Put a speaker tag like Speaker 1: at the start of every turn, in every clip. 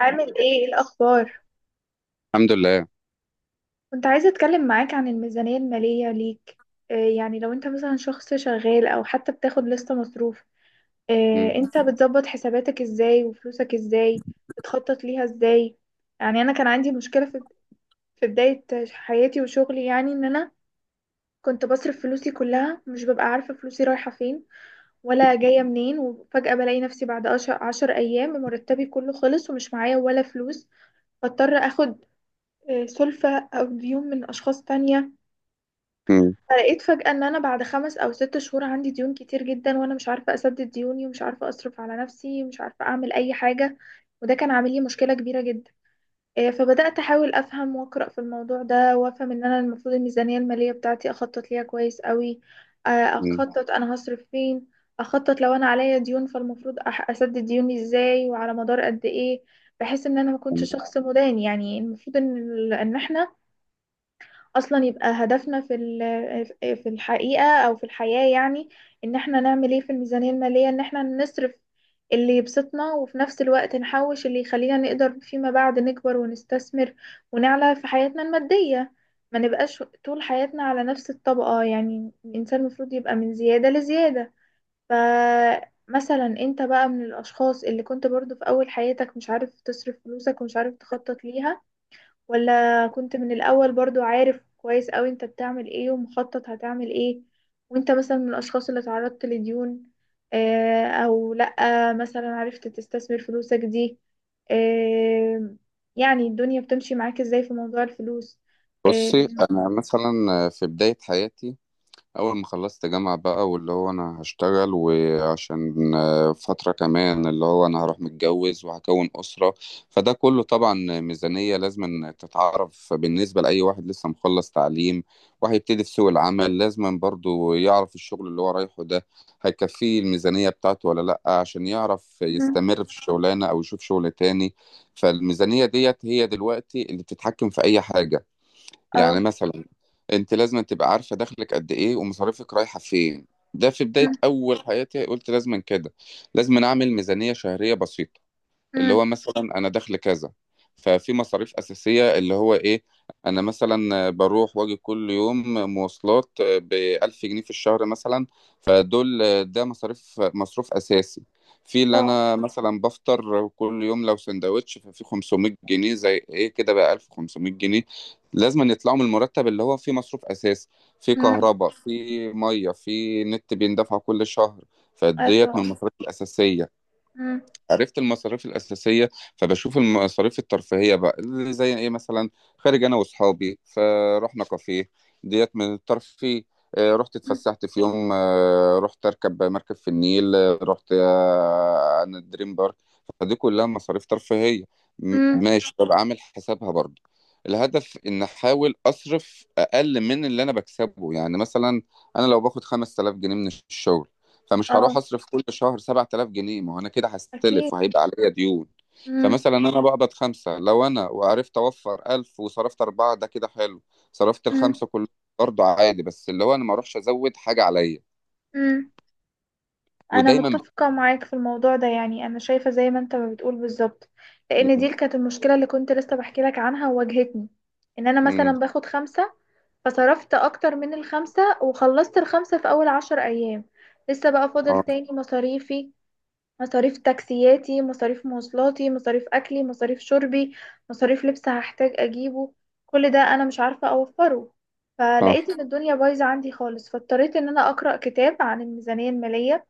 Speaker 1: عامل ايه الاخبار؟
Speaker 2: الحمد لله.
Speaker 1: كنت عايزه اتكلم معاك عن الميزانيه الماليه ليك. يعني لو انت مثلا شخص شغال او حتى بتاخد لستة مصروف،
Speaker 2: مم.
Speaker 1: انت بتظبط حساباتك ازاي وفلوسك ازاي؟ بتخطط ليها ازاي؟ يعني انا كان عندي مشكله في بدايه حياتي وشغلي، يعني ان انا كنت بصرف فلوسي كلها، مش ببقى عارفه فلوسي رايحه فين ولا جايه منين، وفجاه بلاقي نفسي بعد عشر ايام مرتبي كله خلص ومش معايا ولا فلوس. بضطر اخد سلفة أو ديون من أشخاص تانية.
Speaker 2: مم.
Speaker 1: فلقيت فجأة إن أنا بعد 5 أو 6 شهور عندي ديون كتير جدا، وأنا مش عارفة أسدد ديوني، ومش عارفة أصرف على نفسي، ومش عارفة أعمل أي حاجة. وده كان عامل لي مشكلة كبيرة جدا. فبدأت أحاول أفهم وأقرأ في الموضوع ده، وأفهم إن أنا المفروض الميزانية المالية بتاعتي أخطط ليها كويس قوي. آه،
Speaker 2: مم.
Speaker 1: أخطط أنا هصرف فين. أخطط لو أنا عليا ديون، فالمفروض أسدد ديوني إزاي وعلى مدار قد إيه، بحيث إن أنا ما كنتش
Speaker 2: تمام.
Speaker 1: شخص مدان. يعني المفروض إن إحنا اصلا يبقى هدفنا في ال- آه، في الحقيقة او في الحياة، يعني ان احنا نعمل ايه في الميزانية المالية، ان احنا نصرف اللي يبسطنا، وفي نفس الوقت نحوش اللي يخلينا نقدر فيما بعد نكبر ونستثمر ونعلى في حياتنا المادية. ما نبقاش طول حياتنا على نفس الطبقة، يعني الانسان المفروض يبقى من زيادة لزيادة. فمثلا انت بقى، من الاشخاص اللي كنت برضو في اول حياتك مش عارف تصرف فلوسك ومش عارف تخطط ليها، ولا كنت من الأول برضو عارف كويس أوي انت بتعمل ايه ومخطط هتعمل ايه؟ وانت مثلا من الأشخاص اللي تعرضت لديون أو لأ؟ مثلا عرفت تستثمر فلوسك دي؟ آه، يعني الدنيا بتمشي معاك ازاي في موضوع الفلوس؟ اه.
Speaker 2: بصي، انا مثلا في بدايه حياتي، اول ما خلصت جامعة بقى واللي هو انا هشتغل، وعشان فترة كمان اللي هو انا هروح متجوز وهكون أسرة. فده كله طبعا ميزانية لازم تتعرف بالنسبة لأي واحد لسه مخلص تعليم وهيبتدي في سوق العمل، لازم برضو يعرف الشغل اللي هو رايحه ده هيكفيه الميزانية بتاعته ولا لأ، عشان يعرف
Speaker 1: مم.
Speaker 2: يستمر في الشغلانة أو يشوف شغل تاني. فالميزانية ديت هي دلوقتي اللي بتتحكم في أي حاجة. يعني
Speaker 1: اه.
Speaker 2: مثلا انت لازم تبقى عارفه دخلك قد ايه ومصاريفك رايحه فين. ده في بدايه
Speaker 1: مم.
Speaker 2: اول حياتي قلت لازم كده، لازم اعمل ميزانيه شهريه بسيطه اللي
Speaker 1: مم.
Speaker 2: هو مثلا انا دخل كذا، ففي مصاريف اساسيه اللي هو ايه. انا مثلا بروح واجي كل يوم مواصلات ب 1000 جنيه في الشهر مثلا، فدول ده مصاريف، مصروف اساسي. في اللي
Speaker 1: آه.
Speaker 2: انا مثلا بفطر كل يوم لو سندوتش ففي 500 جنيه، زي ايه كده بقى 1500 جنيه لازم يطلعوا من المرتب اللي هو فيه مصروف اساسي. في
Speaker 1: مم.
Speaker 2: كهرباء، في ميه، في نت بيندفع كل شهر. فديت
Speaker 1: ايوه.
Speaker 2: من المصاريف الاساسيه.
Speaker 1: مم.
Speaker 2: عرفت المصاريف الأساسية، فبشوف المصاريف الترفيهية بقى اللي زي إيه مثلا. خارج أنا وأصحابي، فرحنا كافيه، ديت من الترفيه. رحت
Speaker 1: مم.
Speaker 2: اتفسحت في يوم، رحت أركب مركب في النيل، رحت أنا دريم بارك. فدي كلها مصاريف ترفيهية.
Speaker 1: مم.
Speaker 2: ماشي، طب عامل حسابها برضه. الهدف إن أحاول أصرف أقل من اللي أنا بكسبه. يعني مثلا أنا لو باخد 5000 جنيه من الشغل، فمش هروح
Speaker 1: اه.
Speaker 2: اصرف كل شهر 7000 جنيه، ما هو انا كده
Speaker 1: اكيد.
Speaker 2: هستلف وهيبقى عليا ديون.
Speaker 1: مم.
Speaker 2: فمثلا انا بقبض خمسة، لو انا وعرفت اوفر 1000 وصرفت اربعة ده كده حلو. صرفت
Speaker 1: مم.
Speaker 2: الخمسة كلهم برضه عادي، بس اللي هو انا ما اروحش ازود حاجة عليا.
Speaker 1: مم. انا
Speaker 2: ودايما
Speaker 1: متفقه معاك في الموضوع ده، يعني انا شايفه زي ما انت ما بتقول بالظبط، لان دي
Speaker 2: م-
Speaker 1: كانت المشكله اللي كنت لسه بحكي لك عنها وواجهتني. ان انا مثلا
Speaker 2: م-
Speaker 1: باخد خمسة، فصرفت اكتر من الخمسة، وخلصت الخمسة في اول 10 ايام. لسه بقى فاضل
Speaker 2: اه،
Speaker 1: تاني مصاريفي: مصاريف تاكسياتي، مصاريف مواصلاتي، مصاريف اكلي، مصاريف شربي، مصاريف لبس هحتاج اجيبه. كل ده انا مش عارفه اوفره.
Speaker 2: صح.
Speaker 1: فلقيت ان الدنيا بايظه عندي خالص، فاضطريت ان انا اقرا كتاب عن الميزانيه الماليه.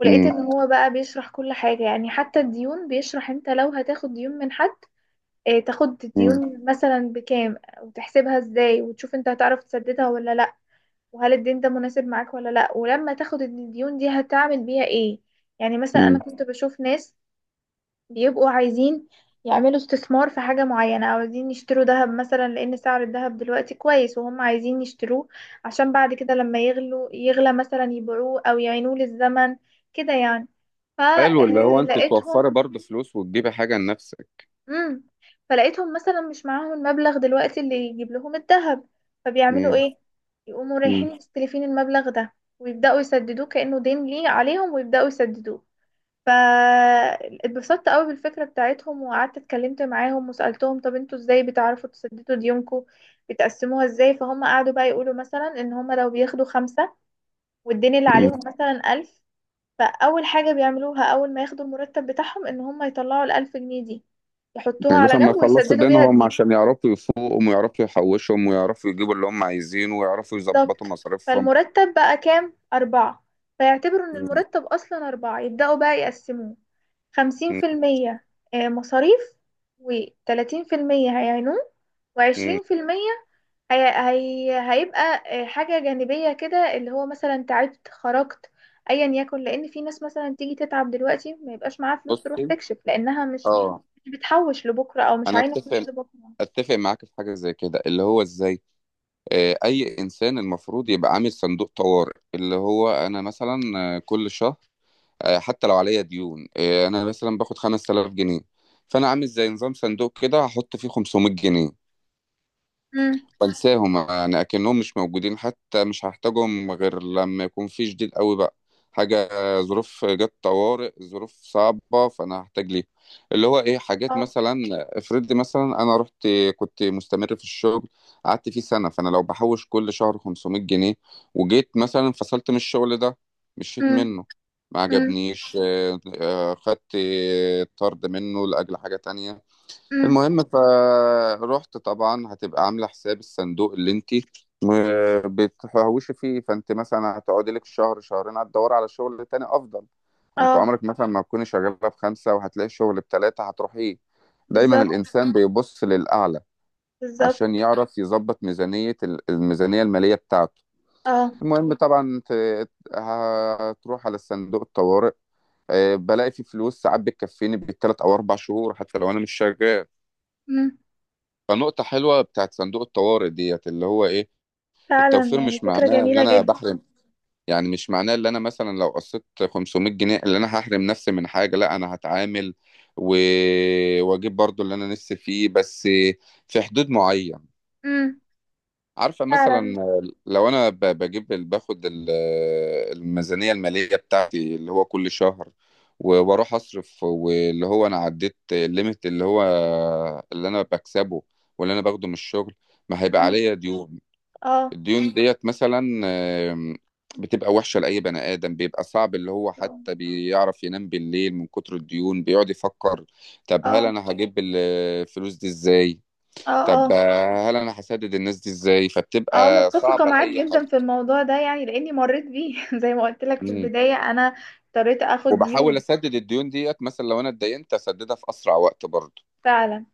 Speaker 1: ولقيت
Speaker 2: م-
Speaker 1: ان هو بقى بيشرح كل حاجة، يعني حتى الديون بيشرح انت لو هتاخد ديون من حد. اه، تاخد
Speaker 2: م-
Speaker 1: الديون مثلا بكام، وتحسبها ازاي، وتشوف انت هتعرف تسددها ولا لا، وهل الدين ده مناسب معاك ولا لا، ولما تاخد الديون دي هتعمل بيها ايه. يعني مثلا انا
Speaker 2: م.
Speaker 1: كنت بشوف ناس بيبقوا عايزين يعملوا استثمار في حاجة معينة، أو عايزين يشتروا ذهب مثلا لأن سعر الذهب دلوقتي كويس، وهم عايزين يشتروه عشان بعد كده لما يغلو يغلى مثلا يبيعوه أو يعينوه للزمن، كده يعني.
Speaker 2: حلو، اللي هو انت
Speaker 1: فلقيتهم
Speaker 2: توفري برضه فلوس وتجيبي حاجة لنفسك.
Speaker 1: امم فلقيتهم مثلا مش معاهم المبلغ دلوقتي اللي يجيب لهم الذهب، فبيعملوا
Speaker 2: م-
Speaker 1: ايه؟ يقوموا
Speaker 2: م-
Speaker 1: رايحين مستلفين المبلغ ده، ويبداوا يسددوه كانه دين ليه عليهم، ويبداوا يسددوه. فاتبسطت قوي بالفكره بتاعتهم، وقعدت اتكلمت معاهم وسالتهم: طب انتوا ازاي بتعرفوا تسددوا ديونكم؟ بتقسموها ازاي؟ فهم قعدوا بقى يقولوا مثلا، ان هم لو بياخدوا خمسة والدين اللي
Speaker 2: م.
Speaker 1: عليهم مثلا ألف، فأول حاجة بيعملوها أول ما ياخدوا المرتب بتاعهم إن هم يطلعوا الألف جنيه دي، يحطوها على
Speaker 2: لسه ما
Speaker 1: جنب
Speaker 2: يخلصوا
Speaker 1: ويسددوا بيها
Speaker 2: دينهم
Speaker 1: جديد.
Speaker 2: عشان يعرفوا يفوقهم ويعرفوا يحوشهم ويعرفوا يجيبوا اللي هم عايزينه ويعرفوا يظبطوا
Speaker 1: بالظبط.
Speaker 2: مصاريفهم.
Speaker 1: فالمرتب بقى كام؟ أربعة. فيعتبروا إن
Speaker 2: مم.
Speaker 1: المرتب أصلا أربعة، يبدأوا بقى يقسموه: 50% مصاريف، وتلاتين في المية هيعينوه،
Speaker 2: مم.
Speaker 1: و20% هي هيبقى حاجة جانبية كده، اللي هو مثلا تعبت خرجت ايا يكن، لان في ناس مثلا تيجي تتعب دلوقتي ما يبقاش معاها فلوس تروح
Speaker 2: بصي،
Speaker 1: تكشف لانها مش،
Speaker 2: اه.
Speaker 1: مش بتحوش لبكرة او مش
Speaker 2: انا
Speaker 1: عاينة فلوس
Speaker 2: اتفق
Speaker 1: لبكرة.
Speaker 2: اتفق معاك في حاجه زي كده. اللي هو ازاي اي انسان المفروض يبقى عامل صندوق طوارئ، اللي هو انا مثلا كل شهر، حتى لو عليا ديون، انا مثلا باخد 5000 جنيه. فانا عامل زي نظام صندوق كده هحط فيه 500 جنيه،
Speaker 1: امم.
Speaker 2: بنساهم يعني اكنهم مش موجودين. حتى مش هحتاجهم غير لما يكون في شديد قوي بقى، حاجه، ظروف جت طوارئ، ظروف صعبه، فانا هحتاج ليه. اللي هو ايه حاجات
Speaker 1: اه.
Speaker 2: مثلا؟ افرض مثلا انا رحت، كنت مستمر في الشغل قعدت فيه سنة، فانا لو بحوش كل شهر 500 جنيه، وجيت مثلا انفصلت من الشغل ده، مشيت
Speaker 1: امم.
Speaker 2: منه ما
Speaker 1: امم.
Speaker 2: عجبنيش، خدت طرد منه لاجل حاجه تانية.
Speaker 1: امم.
Speaker 2: المهم فروحت طبعا هتبقى عامله حساب الصندوق اللي انت بتحوشي فيه، فانت مثلا هتقعدي لك شهر شهرين هتدوري على شغل تاني افضل. انت
Speaker 1: اه.
Speaker 2: عمرك مثلا ما تكوني شغاله بخمسه وهتلاقي شغل بتلاته هتروحيه. دايما
Speaker 1: بالظبط.
Speaker 2: الانسان بيبص للاعلى
Speaker 1: بالظبط.
Speaker 2: عشان يعرف يظبط ميزانيه، الماليه بتاعته.
Speaker 1: اه.
Speaker 2: المهم طبعا هتروح على صندوق الطوارئ، بلاقي فيه فلوس ساعات بتكفيني بالتلات او 4 شهور حتى لو انا مش شغال.
Speaker 1: امم.
Speaker 2: فنقطة حلوة بتاعت صندوق الطوارئ ديت اللي هو ايه.
Speaker 1: فعلا،
Speaker 2: التوفير
Speaker 1: يعني
Speaker 2: مش
Speaker 1: فكرة
Speaker 2: معناه ان
Speaker 1: جميلة
Speaker 2: انا
Speaker 1: جدا.
Speaker 2: بحرم، يعني مش معناه ان انا مثلا لو قصيت 500 جنيه اللي انا هحرم نفسي من حاجة، لا انا هتعامل و... واجيب برضو اللي انا نفسي فيه، بس في حدود معين.
Speaker 1: امم.
Speaker 2: عارفة مثلا
Speaker 1: فعلا.
Speaker 2: لو أنا الميزانية المالية بتاعتي اللي هو كل شهر، وأروح أصرف واللي هو أنا عديت الليميت اللي هو اللي أنا بكسبه واللي أنا باخده من الشغل، ما هيبقى
Speaker 1: امم.
Speaker 2: عليا ديون.
Speaker 1: اه.
Speaker 2: الديون ديت مثلا آم، بتبقى وحشة لأي بني آدم، بيبقى صعب اللي هو
Speaker 1: اه.
Speaker 2: حتى بيعرف ينام بالليل من كتر الديون بيقعد يفكر، طب هل
Speaker 1: اه.
Speaker 2: أنا هجيب الفلوس دي إزاي؟ طب
Speaker 1: اه.
Speaker 2: هل انا هسدد الناس دي ازاي؟
Speaker 1: اه.
Speaker 2: فبتبقى
Speaker 1: متفقة
Speaker 2: صعبه
Speaker 1: معاك
Speaker 2: لاي حد.
Speaker 1: جدا في الموضوع ده، يعني لاني مريت بيه زي ما قلت لك في
Speaker 2: مم.
Speaker 1: البداية، انا اضطريت اخد ديون.
Speaker 2: وبحاول اسدد الديون ديت مثلا لو انا اتدينت اسددها في اسرع وقت برضه.
Speaker 1: فعلا،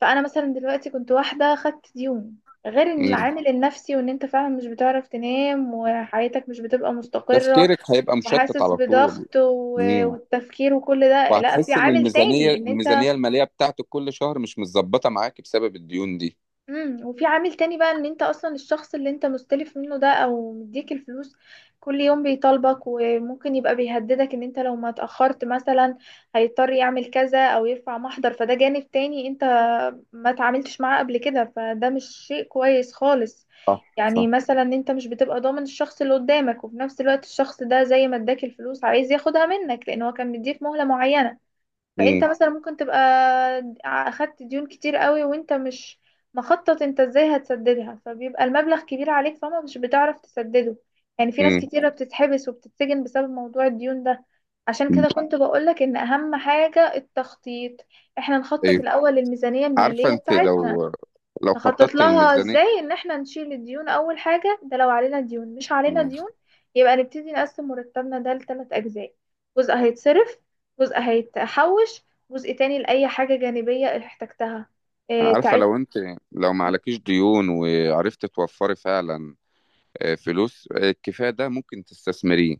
Speaker 1: فانا مثلا دلوقتي كنت واحدة خدت ديون، غير ان
Speaker 2: مم.
Speaker 1: العامل النفسي، وان انت فعلا مش بتعرف تنام وحياتك مش بتبقى مستقرة،
Speaker 2: تفكيرك هيبقى مشتت
Speaker 1: وحاسس
Speaker 2: على طول.
Speaker 1: بضغط
Speaker 2: مم.
Speaker 1: والتفكير وكل ده، لا، في
Speaker 2: وهتحس ان
Speaker 1: عامل تاني ان انت.
Speaker 2: الميزانيه الماليه بتاعتك كل شهر مش متظبطه معاك بسبب الديون دي.
Speaker 1: امم. وفي عامل تاني بقى ان انت اصلا الشخص اللي انت مستلف منه ده او مديك الفلوس، كل يوم بيطالبك وممكن يبقى بيهددك ان انت لو ما اتأخرت مثلا هيضطر يعمل كذا او يرفع محضر، فده جانب تاني انت ما تعاملتش معاه قبل كده، فده مش شيء كويس خالص.
Speaker 2: صح
Speaker 1: يعني
Speaker 2: صح.
Speaker 1: مثلا انت مش بتبقى ضامن الشخص اللي قدامك، وفي نفس الوقت الشخص ده زي ما اداك الفلوس عايز ياخدها منك، لان هو كان مديك مهلة معينة. فانت
Speaker 2: مم.
Speaker 1: مثلا ممكن تبقى اخدت ديون كتير قوي وانت مش مخطط انت ازاي هتسددها، فبيبقى المبلغ كبير عليك فما مش بتعرف تسدده. يعني في ناس
Speaker 2: مم.
Speaker 1: كتيرة بتتحبس وبتتسجن بسبب موضوع الديون ده. عشان كده كنت بقولك ان اهم حاجة التخطيط. احنا نخطط
Speaker 2: ايوه،
Speaker 1: الاول للميزانية
Speaker 2: عارفه
Speaker 1: المالية
Speaker 2: انت
Speaker 1: بتاعتنا.
Speaker 2: لو
Speaker 1: نخطط
Speaker 2: خططت
Speaker 1: لها
Speaker 2: للميزانيه.
Speaker 1: ازاي؟ ان احنا نشيل الديون اول حاجة، ده لو علينا ديون. مش علينا
Speaker 2: مم.
Speaker 1: ديون يبقى نبتدي نقسم مرتبنا ده لثلاث اجزاء: جزء هيتصرف، جزء هيتحوش، جزء تاني لأي حاجة جانبية احتجتها. اه
Speaker 2: عارفه
Speaker 1: تعبت.
Speaker 2: لو ما عليكيش ديون وعرفت توفري فعلا فلوس الكفاية ده ممكن تستثمريه.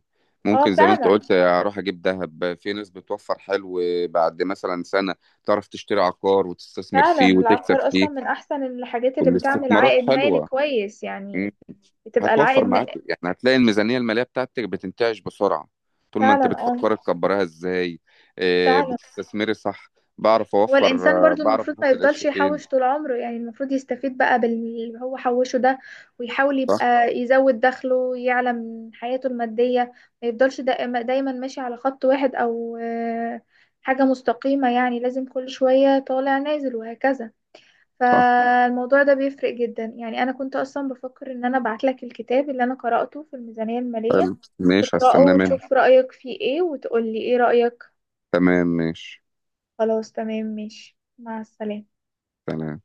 Speaker 1: اه.
Speaker 2: ممكن زي ما انت
Speaker 1: فعلا.
Speaker 2: قلت اروح اجيب ذهب. في ناس بتوفر حلو. بعد مثلا سنة تعرف تشتري عقار وتستثمر
Speaker 1: فعلا
Speaker 2: فيه وتكسب
Speaker 1: العقار اصلا
Speaker 2: فيه.
Speaker 1: من احسن الحاجات اللي بتعمل
Speaker 2: والاستثمارات
Speaker 1: عائد مالي
Speaker 2: حلوة.
Speaker 1: كويس
Speaker 2: مم.
Speaker 1: يعني، بتبقى
Speaker 2: هتوفر
Speaker 1: العائد
Speaker 2: معاك، يعني هتلاقي الميزانية المالية بتاعتك بتنتعش بسرعة طول ما
Speaker 1: فعلا.
Speaker 2: انت
Speaker 1: اه.
Speaker 2: بتفكر تكبرها ازاي.
Speaker 1: فعلا.
Speaker 2: بتستثمري صح. بعرف
Speaker 1: هو
Speaker 2: اوفر
Speaker 1: الإنسان برضو
Speaker 2: بعرف
Speaker 1: المفروض ما
Speaker 2: احط القرش
Speaker 1: يفضلش
Speaker 2: فين.
Speaker 1: يحوش طول عمره، يعني المفروض يستفيد بقى باللي هو حوشه ده، ويحاول
Speaker 2: صح
Speaker 1: يبقى يزود دخله يعلى من حياته المادية. ما يفضلش دايما ماشي على خط واحد أو حاجة مستقيمة، يعني لازم كل شوية طالع نازل وهكذا.
Speaker 2: صح.
Speaker 1: فالموضوع ده بيفرق جدا، يعني أنا كنت أصلا بفكر إن أنا أبعتلك الكتاب اللي أنا قرأته في الميزانية المالية،
Speaker 2: حلو ماشي،
Speaker 1: تقرأه
Speaker 2: هستنى منك.
Speaker 1: وتشوف رأيك فيه إيه وتقولي إيه رأيك.
Speaker 2: تمام ماشي.
Speaker 1: خلاص، تمام، ماشي، مع السلامة.
Speaker 2: سلام.